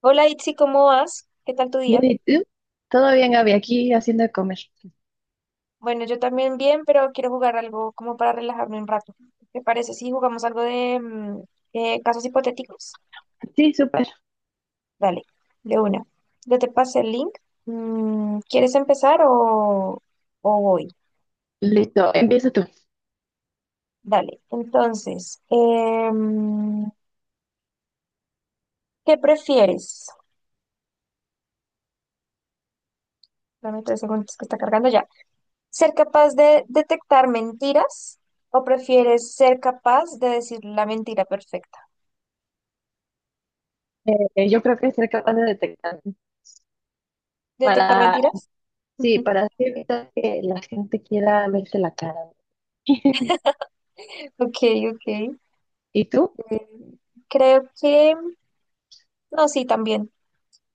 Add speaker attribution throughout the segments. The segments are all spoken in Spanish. Speaker 1: Hola Itzi, ¿cómo vas? ¿Qué tal tu
Speaker 2: Bien,
Speaker 1: día?
Speaker 2: ¿y tú? Todo bien, Gaby, aquí haciendo de comer.
Speaker 1: Bueno, yo también bien, pero quiero jugar algo como para relajarme un rato. ¿Te parece si jugamos algo de casos hipotéticos?
Speaker 2: Sí, súper.
Speaker 1: Dale, de una. Yo te pasé el link. ¿Quieres empezar o voy?
Speaker 2: Listo, empieza tú.
Speaker 1: Dale. Entonces, ¿qué prefieres? Dame 3 segundos que está cargando ya. ¿Ser capaz de detectar mentiras o prefieres ser capaz de decir la mentira perfecta?
Speaker 2: Yo creo que ser capaz de detectar
Speaker 1: ¿Detectar
Speaker 2: para,
Speaker 1: mentiras?
Speaker 2: sí, para así evitar que la gente quiera verte la cara.
Speaker 1: Ok, ok.
Speaker 2: ¿Y tú?
Speaker 1: Eh, creo que, no, sí, también.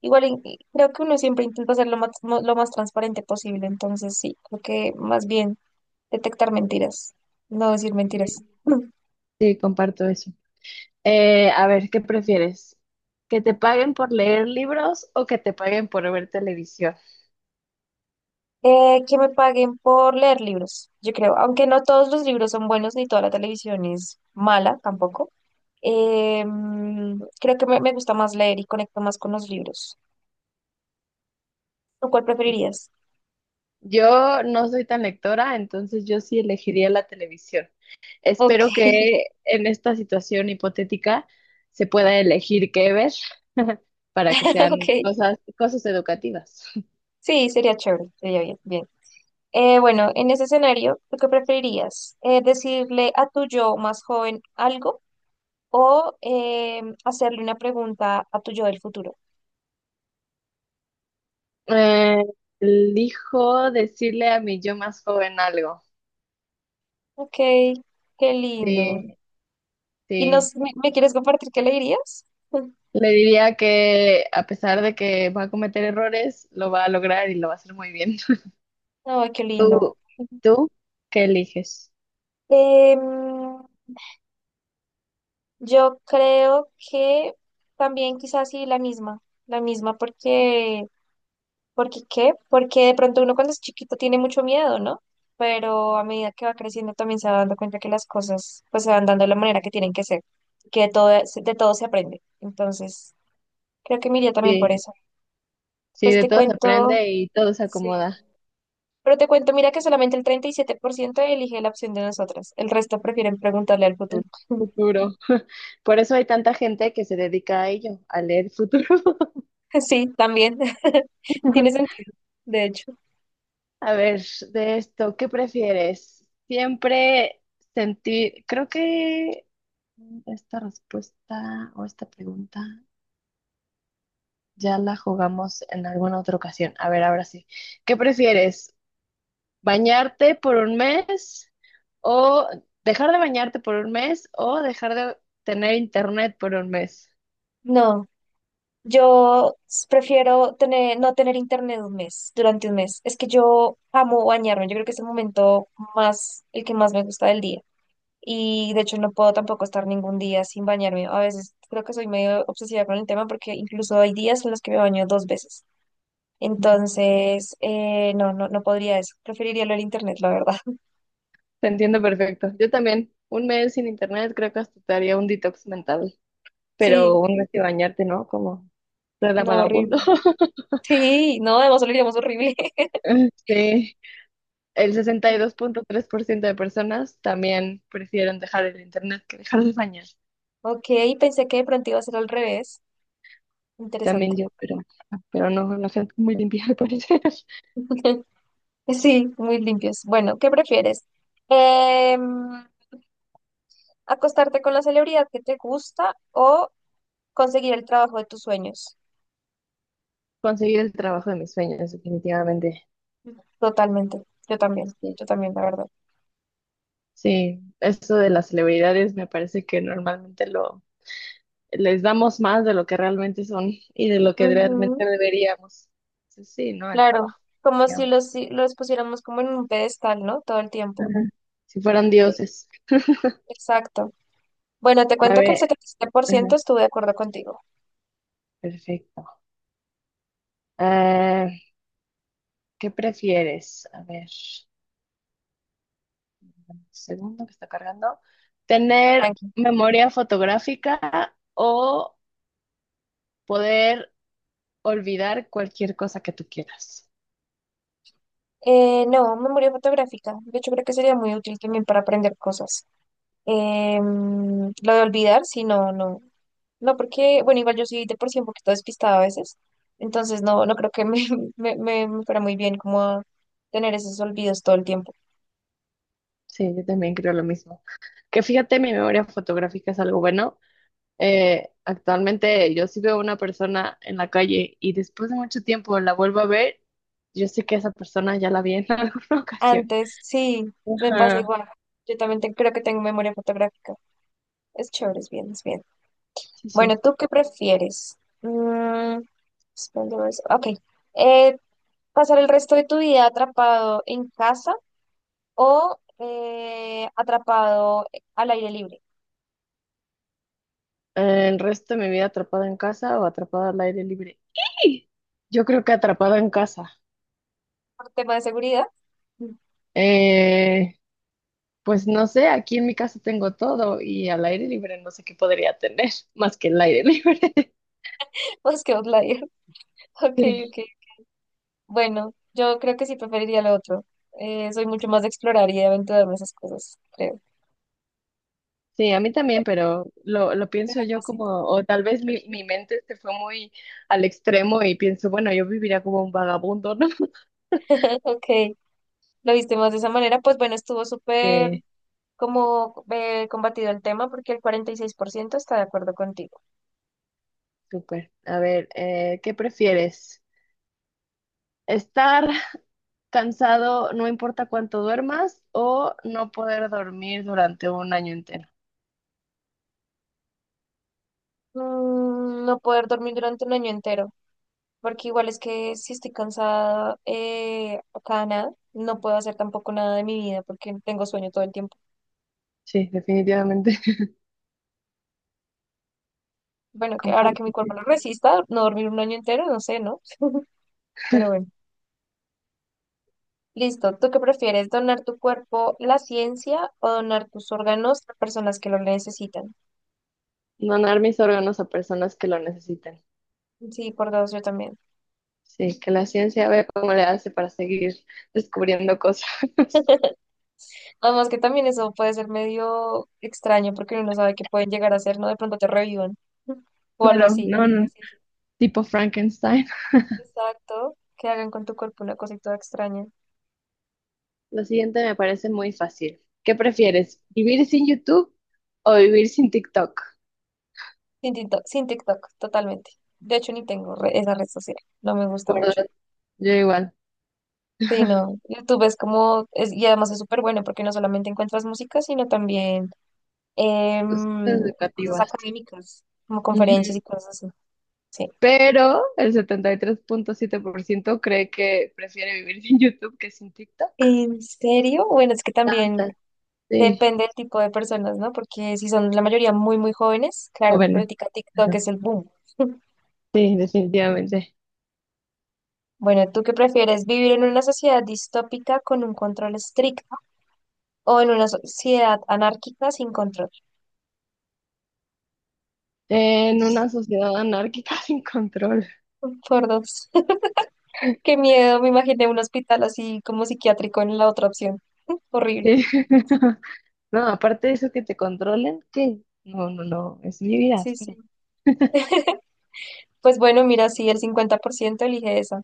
Speaker 1: Igual, y creo que uno siempre intenta ser lo más, lo más transparente posible, entonces sí, creo que más bien detectar mentiras, no decir mentiras.
Speaker 2: Sí, Sí, comparto eso. A ver, ¿qué prefieres? ¿Que te paguen por leer libros o que te paguen por ver televisión?
Speaker 1: Que me paguen por leer libros, yo creo, aunque no todos los libros son buenos ni toda la televisión es mala tampoco. Creo que me gusta más leer y conecto más con los libros. ¿Tú cuál preferirías?
Speaker 2: Yo no soy tan lectora, entonces yo sí elegiría la televisión.
Speaker 1: Ok,
Speaker 2: Espero que en esta situación hipotética se pueda elegir qué ver para que sean
Speaker 1: ok.
Speaker 2: cosas, cosas educativas.
Speaker 1: Sí, sería chévere, sería bien, bien. Bueno, en ese escenario, ¿tú qué preferirías? ¿Decirle a tu yo más joven algo o hacerle una pregunta a tu yo del futuro?
Speaker 2: Eh, Elijo decirle a mi yo más joven algo.
Speaker 1: Ok, qué lindo.
Speaker 2: Sí,
Speaker 1: ¿Y
Speaker 2: sí.
Speaker 1: me quieres compartir qué le dirías?
Speaker 2: Le diría que a pesar de que va a cometer errores, lo va a lograr y lo va a hacer muy bien.
Speaker 1: Ay, qué lindo.
Speaker 2: ¿Tú, tú qué eliges?
Speaker 1: Em, yo creo que también quizás sí la misma porque... ¿Porque qué? Porque de pronto uno cuando es chiquito tiene mucho miedo, ¿no? Pero a medida que va creciendo también se va dando cuenta que las cosas pues se van dando de la manera que tienen que ser, que de todo se aprende. Entonces, creo que me iría también por
Speaker 2: Sí,
Speaker 1: eso.
Speaker 2: sí,
Speaker 1: Pues
Speaker 2: de
Speaker 1: te
Speaker 2: todo se
Speaker 1: cuento,
Speaker 2: aprende y todo se
Speaker 1: sí.
Speaker 2: acomoda.
Speaker 1: Pero te cuento, mira que solamente el 37% elige la opción de nosotras. El resto prefieren preguntarle al futuro.
Speaker 2: El futuro. Por eso hay tanta gente que se dedica a ello, a leer futuro.
Speaker 1: Sí, también. Tiene sentido, de hecho.
Speaker 2: A ver, de esto, ¿qué prefieres? Siempre sentir, creo que esta respuesta o esta pregunta ya la jugamos en alguna otra ocasión. A ver, ahora sí. ¿Qué prefieres? ¿Bañarte por un mes o dejar de bañarte por un mes o dejar de tener internet por un mes?
Speaker 1: No. Yo prefiero tener, no tener internet un mes, durante un mes. Es que yo amo bañarme. Yo creo que es el momento más, el que más me gusta del día. Y de hecho no puedo tampoco estar ningún día sin bañarme. A veces creo que soy medio obsesiva con el tema porque incluso hay días en los que me baño 2 veces. Entonces, no, no, no podría eso. Preferiría lo del internet, la verdad.
Speaker 2: Te entiendo perfecto. Yo también, un mes sin internet creo que hasta te haría un detox mental, pero
Speaker 1: Sí,
Speaker 2: un mes sin bañarte, ¿no? Como la
Speaker 1: no,
Speaker 2: vagabundo.
Speaker 1: horrible. Sí, no, además lo diríamos horrible.
Speaker 2: Sí, el 62.3% de personas también prefieren dejar el internet que dejar de bañar.
Speaker 1: Ok, pensé que de pronto iba a ser al revés.
Speaker 2: También
Speaker 1: Interesante.
Speaker 2: yo, pero no, la gente muy limpia al parecer.
Speaker 1: Sí, muy limpios. Bueno, ¿qué prefieres? Em, ¿Acostarte con la celebridad que te gusta o conseguir el trabajo de tus sueños?
Speaker 2: Conseguir el trabajo de mis sueños, definitivamente.
Speaker 1: Totalmente. Yo también.
Speaker 2: Sí,
Speaker 1: Yo también, la verdad.
Speaker 2: sí, eso de las celebridades me parece que normalmente lo les damos más de lo que realmente son y de lo que
Speaker 1: Ujú,
Speaker 2: realmente deberíamos. Entonces, sí, ¿no? El
Speaker 1: claro.
Speaker 2: trabajo,
Speaker 1: Como si
Speaker 2: digamos.
Speaker 1: los, si los pusiéramos como en un pedestal, ¿no? Todo el tiempo.
Speaker 2: Ajá. Si fueran
Speaker 1: Sí,
Speaker 2: dioses.
Speaker 1: exacto. Bueno, te
Speaker 2: A
Speaker 1: cuento que el
Speaker 2: ver,
Speaker 1: setenta y siete por
Speaker 2: ajá,
Speaker 1: ciento estuve de acuerdo contigo.
Speaker 2: perfecto. Ah, ¿qué prefieres? A ver, un segundo que está cargando. ¿Tener
Speaker 1: Tranqui.
Speaker 2: memoria fotográfica o poder olvidar cualquier cosa que tú quieras?
Speaker 1: No, memoria fotográfica. De hecho, creo que sería muy útil también para aprender cosas. Lo de olvidar, si no, no. No, porque, bueno, igual yo soy de por sí un poquito despistada a veces, entonces no, no creo que me fuera muy bien como tener esos olvidos todo el tiempo.
Speaker 2: Sí, yo también creo lo mismo. Que fíjate, mi memoria fotográfica es algo bueno. Actualmente, yo si veo a una persona en la calle y después de mucho tiempo la vuelvo a ver, yo sé que esa persona ya la vi en alguna ocasión.
Speaker 1: Antes, sí, me pasa
Speaker 2: Ajá,
Speaker 1: igual. Yo también creo que tengo memoria fotográfica. Es chévere, es bien, es bien.
Speaker 2: sí, sí.
Speaker 1: Bueno, ¿tú qué prefieres? Suspender eso. Ok. Eh, ¿Pasar el resto de tu vida atrapado en casa o atrapado al aire libre?
Speaker 2: El resto de mi vida atrapada en casa o atrapada al aire libre. ¡Ih! Yo creo que atrapada en casa.
Speaker 1: Por tema de seguridad,
Speaker 2: Eh, pues no sé, aquí en mi casa tengo todo y al aire libre no sé qué podría tener más que el aire libre.
Speaker 1: pues que outlier. Ok, ok. Bueno, yo creo que sí preferiría lo otro. Soy mucho más de explorar y de aventurarme en esas cosas, creo.
Speaker 2: Sí, a mí también, pero lo
Speaker 1: Te
Speaker 2: pienso
Speaker 1: da
Speaker 2: yo como,
Speaker 1: cosita.
Speaker 2: o tal vez mi, mi mente se fue muy al extremo y pienso, bueno, yo viviría como un vagabundo, ¿no?
Speaker 1: Ok, lo viste más de esa manera. Pues bueno, estuvo súper
Speaker 2: Sí,
Speaker 1: como combatido el tema porque el 46% está de acuerdo contigo.
Speaker 2: súper. A ver, ¿qué prefieres? ¿Estar cansado no importa cuánto duermas o no poder dormir durante un año entero?
Speaker 1: No poder dormir durante un año entero, porque igual es que si estoy cansada o cada nada, no puedo hacer tampoco nada de mi vida porque tengo sueño todo el tiempo.
Speaker 2: Sí, definitivamente.
Speaker 1: Bueno, que ahora que mi
Speaker 2: Comparto.
Speaker 1: cuerpo
Speaker 2: Sí.
Speaker 1: lo resista, no dormir un año entero, no sé, ¿no? Pero bueno. Listo. ¿Tú qué prefieres? ¿Donar tu cuerpo a la ciencia o donar tus órganos a personas que lo necesitan?
Speaker 2: Donar mis órganos a personas que lo necesiten.
Speaker 1: Sí, por dos, yo también.
Speaker 2: Sí, que la ciencia vea cómo le hace para seguir descubriendo cosas.
Speaker 1: Además que también eso puede ser medio extraño porque uno no sabe qué pueden llegar a hacer, ¿no? De pronto te revivan o algo
Speaker 2: Claro,
Speaker 1: así.
Speaker 2: no,
Speaker 1: Porque la
Speaker 2: no.
Speaker 1: ciencia...
Speaker 2: Tipo Frankenstein.
Speaker 1: Exacto. Que hagan con tu cuerpo una cosita toda extraña.
Speaker 2: Lo siguiente me parece muy fácil. ¿Qué prefieres? ¿Vivir sin YouTube o vivir sin TikTok?
Speaker 1: Sin TikTok, sin TikTok, totalmente. De hecho, ni tengo esa red social. No me gusta
Speaker 2: Por
Speaker 1: mucho.
Speaker 2: dos, yo igual,
Speaker 1: Sí, no. YouTube es como, y además es súper bueno porque no solamente encuentras música, sino también
Speaker 2: cosas
Speaker 1: cosas
Speaker 2: educativas.
Speaker 1: académicas, como conferencias
Speaker 2: Ujú.
Speaker 1: y cosas así. Sí.
Speaker 2: Pero el 73.7% cree que prefiere vivir sin YouTube que sin TikTok.
Speaker 1: ¿En serio? Bueno, es que también
Speaker 2: Tantas, sí,
Speaker 1: depende del tipo de personas, ¿no? Porque si son la mayoría muy, muy jóvenes, claro,
Speaker 2: jóvenes.
Speaker 1: ahorita TikTok
Speaker 2: Ujú.
Speaker 1: es el boom.
Speaker 2: Sí, definitivamente.
Speaker 1: Bueno, ¿tú qué prefieres? ¿Vivir en una sociedad distópica con un control estricto o en una sociedad anárquica sin control?
Speaker 2: En una sociedad anárquica sin control.
Speaker 1: Por dos. Qué miedo, me imaginé un hospital así como psiquiátrico en la otra opción. Horrible.
Speaker 2: Sí. No, aparte de eso que te controlen, ¿qué? No, no, no, es mi vida,
Speaker 1: Sí, sí.
Speaker 2: espera.
Speaker 1: Pues bueno, mira, sí, el 50% elige esa.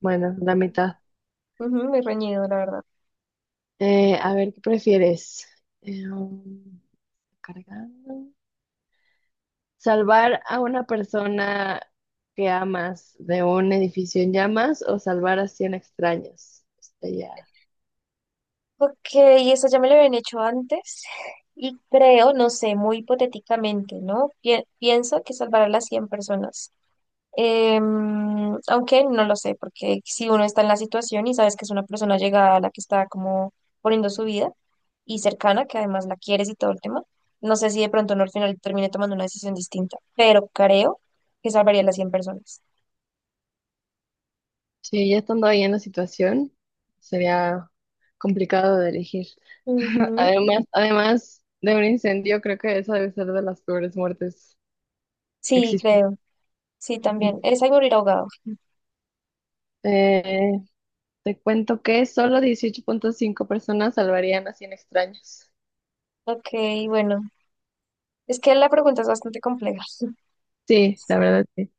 Speaker 2: Bueno, la mitad.
Speaker 1: Ujú, muy reñido, la verdad.
Speaker 2: A ver, ¿qué prefieres? Eh, um, Cargando. ¿Salvar a una persona que amas de un edificio en llamas o salvar a 100 extraños? Está ya.
Speaker 1: Ok, eso ya me lo habían hecho antes y creo, no sé, muy hipotéticamente, ¿no? Pienso que salvar a las 100 personas. Aunque no lo sé, porque si uno está en la situación y sabes que es una persona llegada a la que está como poniendo su vida y cercana, que además la quieres y todo el tema, no sé si de pronto no al final termine tomando una decisión distinta, pero creo que salvaría a las 100 personas.
Speaker 2: Sí, ya estando ahí en la situación, sería complicado de elegir.
Speaker 1: Ujú.
Speaker 2: Además, además de un incendio, creo que esa debe ser de las peores muertes que
Speaker 1: Sí,
Speaker 2: existen.
Speaker 1: creo. Sí,
Speaker 2: Ujú.
Speaker 1: también. Esa y morir ahogado.
Speaker 2: Eh, Te cuento que solo 18.5 personas salvarían a 100 extraños.
Speaker 1: Ok, bueno, es que la pregunta es bastante compleja.
Speaker 2: Sí, la verdad, sí.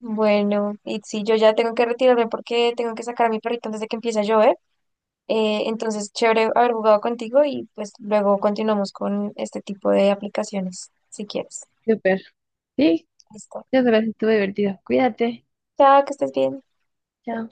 Speaker 1: Bueno, y sí, yo ya tengo que retirarme porque tengo que sacar a mi perrito antes de que empiece a llover. Entonces, chévere haber jugado contigo y pues luego continuamos con este tipo de aplicaciones, si quieres.
Speaker 2: Súper. Sí,
Speaker 1: Listo.
Speaker 2: ya sabes, estuvo divertido. Cuídate.
Speaker 1: Chao, que estés bien.
Speaker 2: Chao.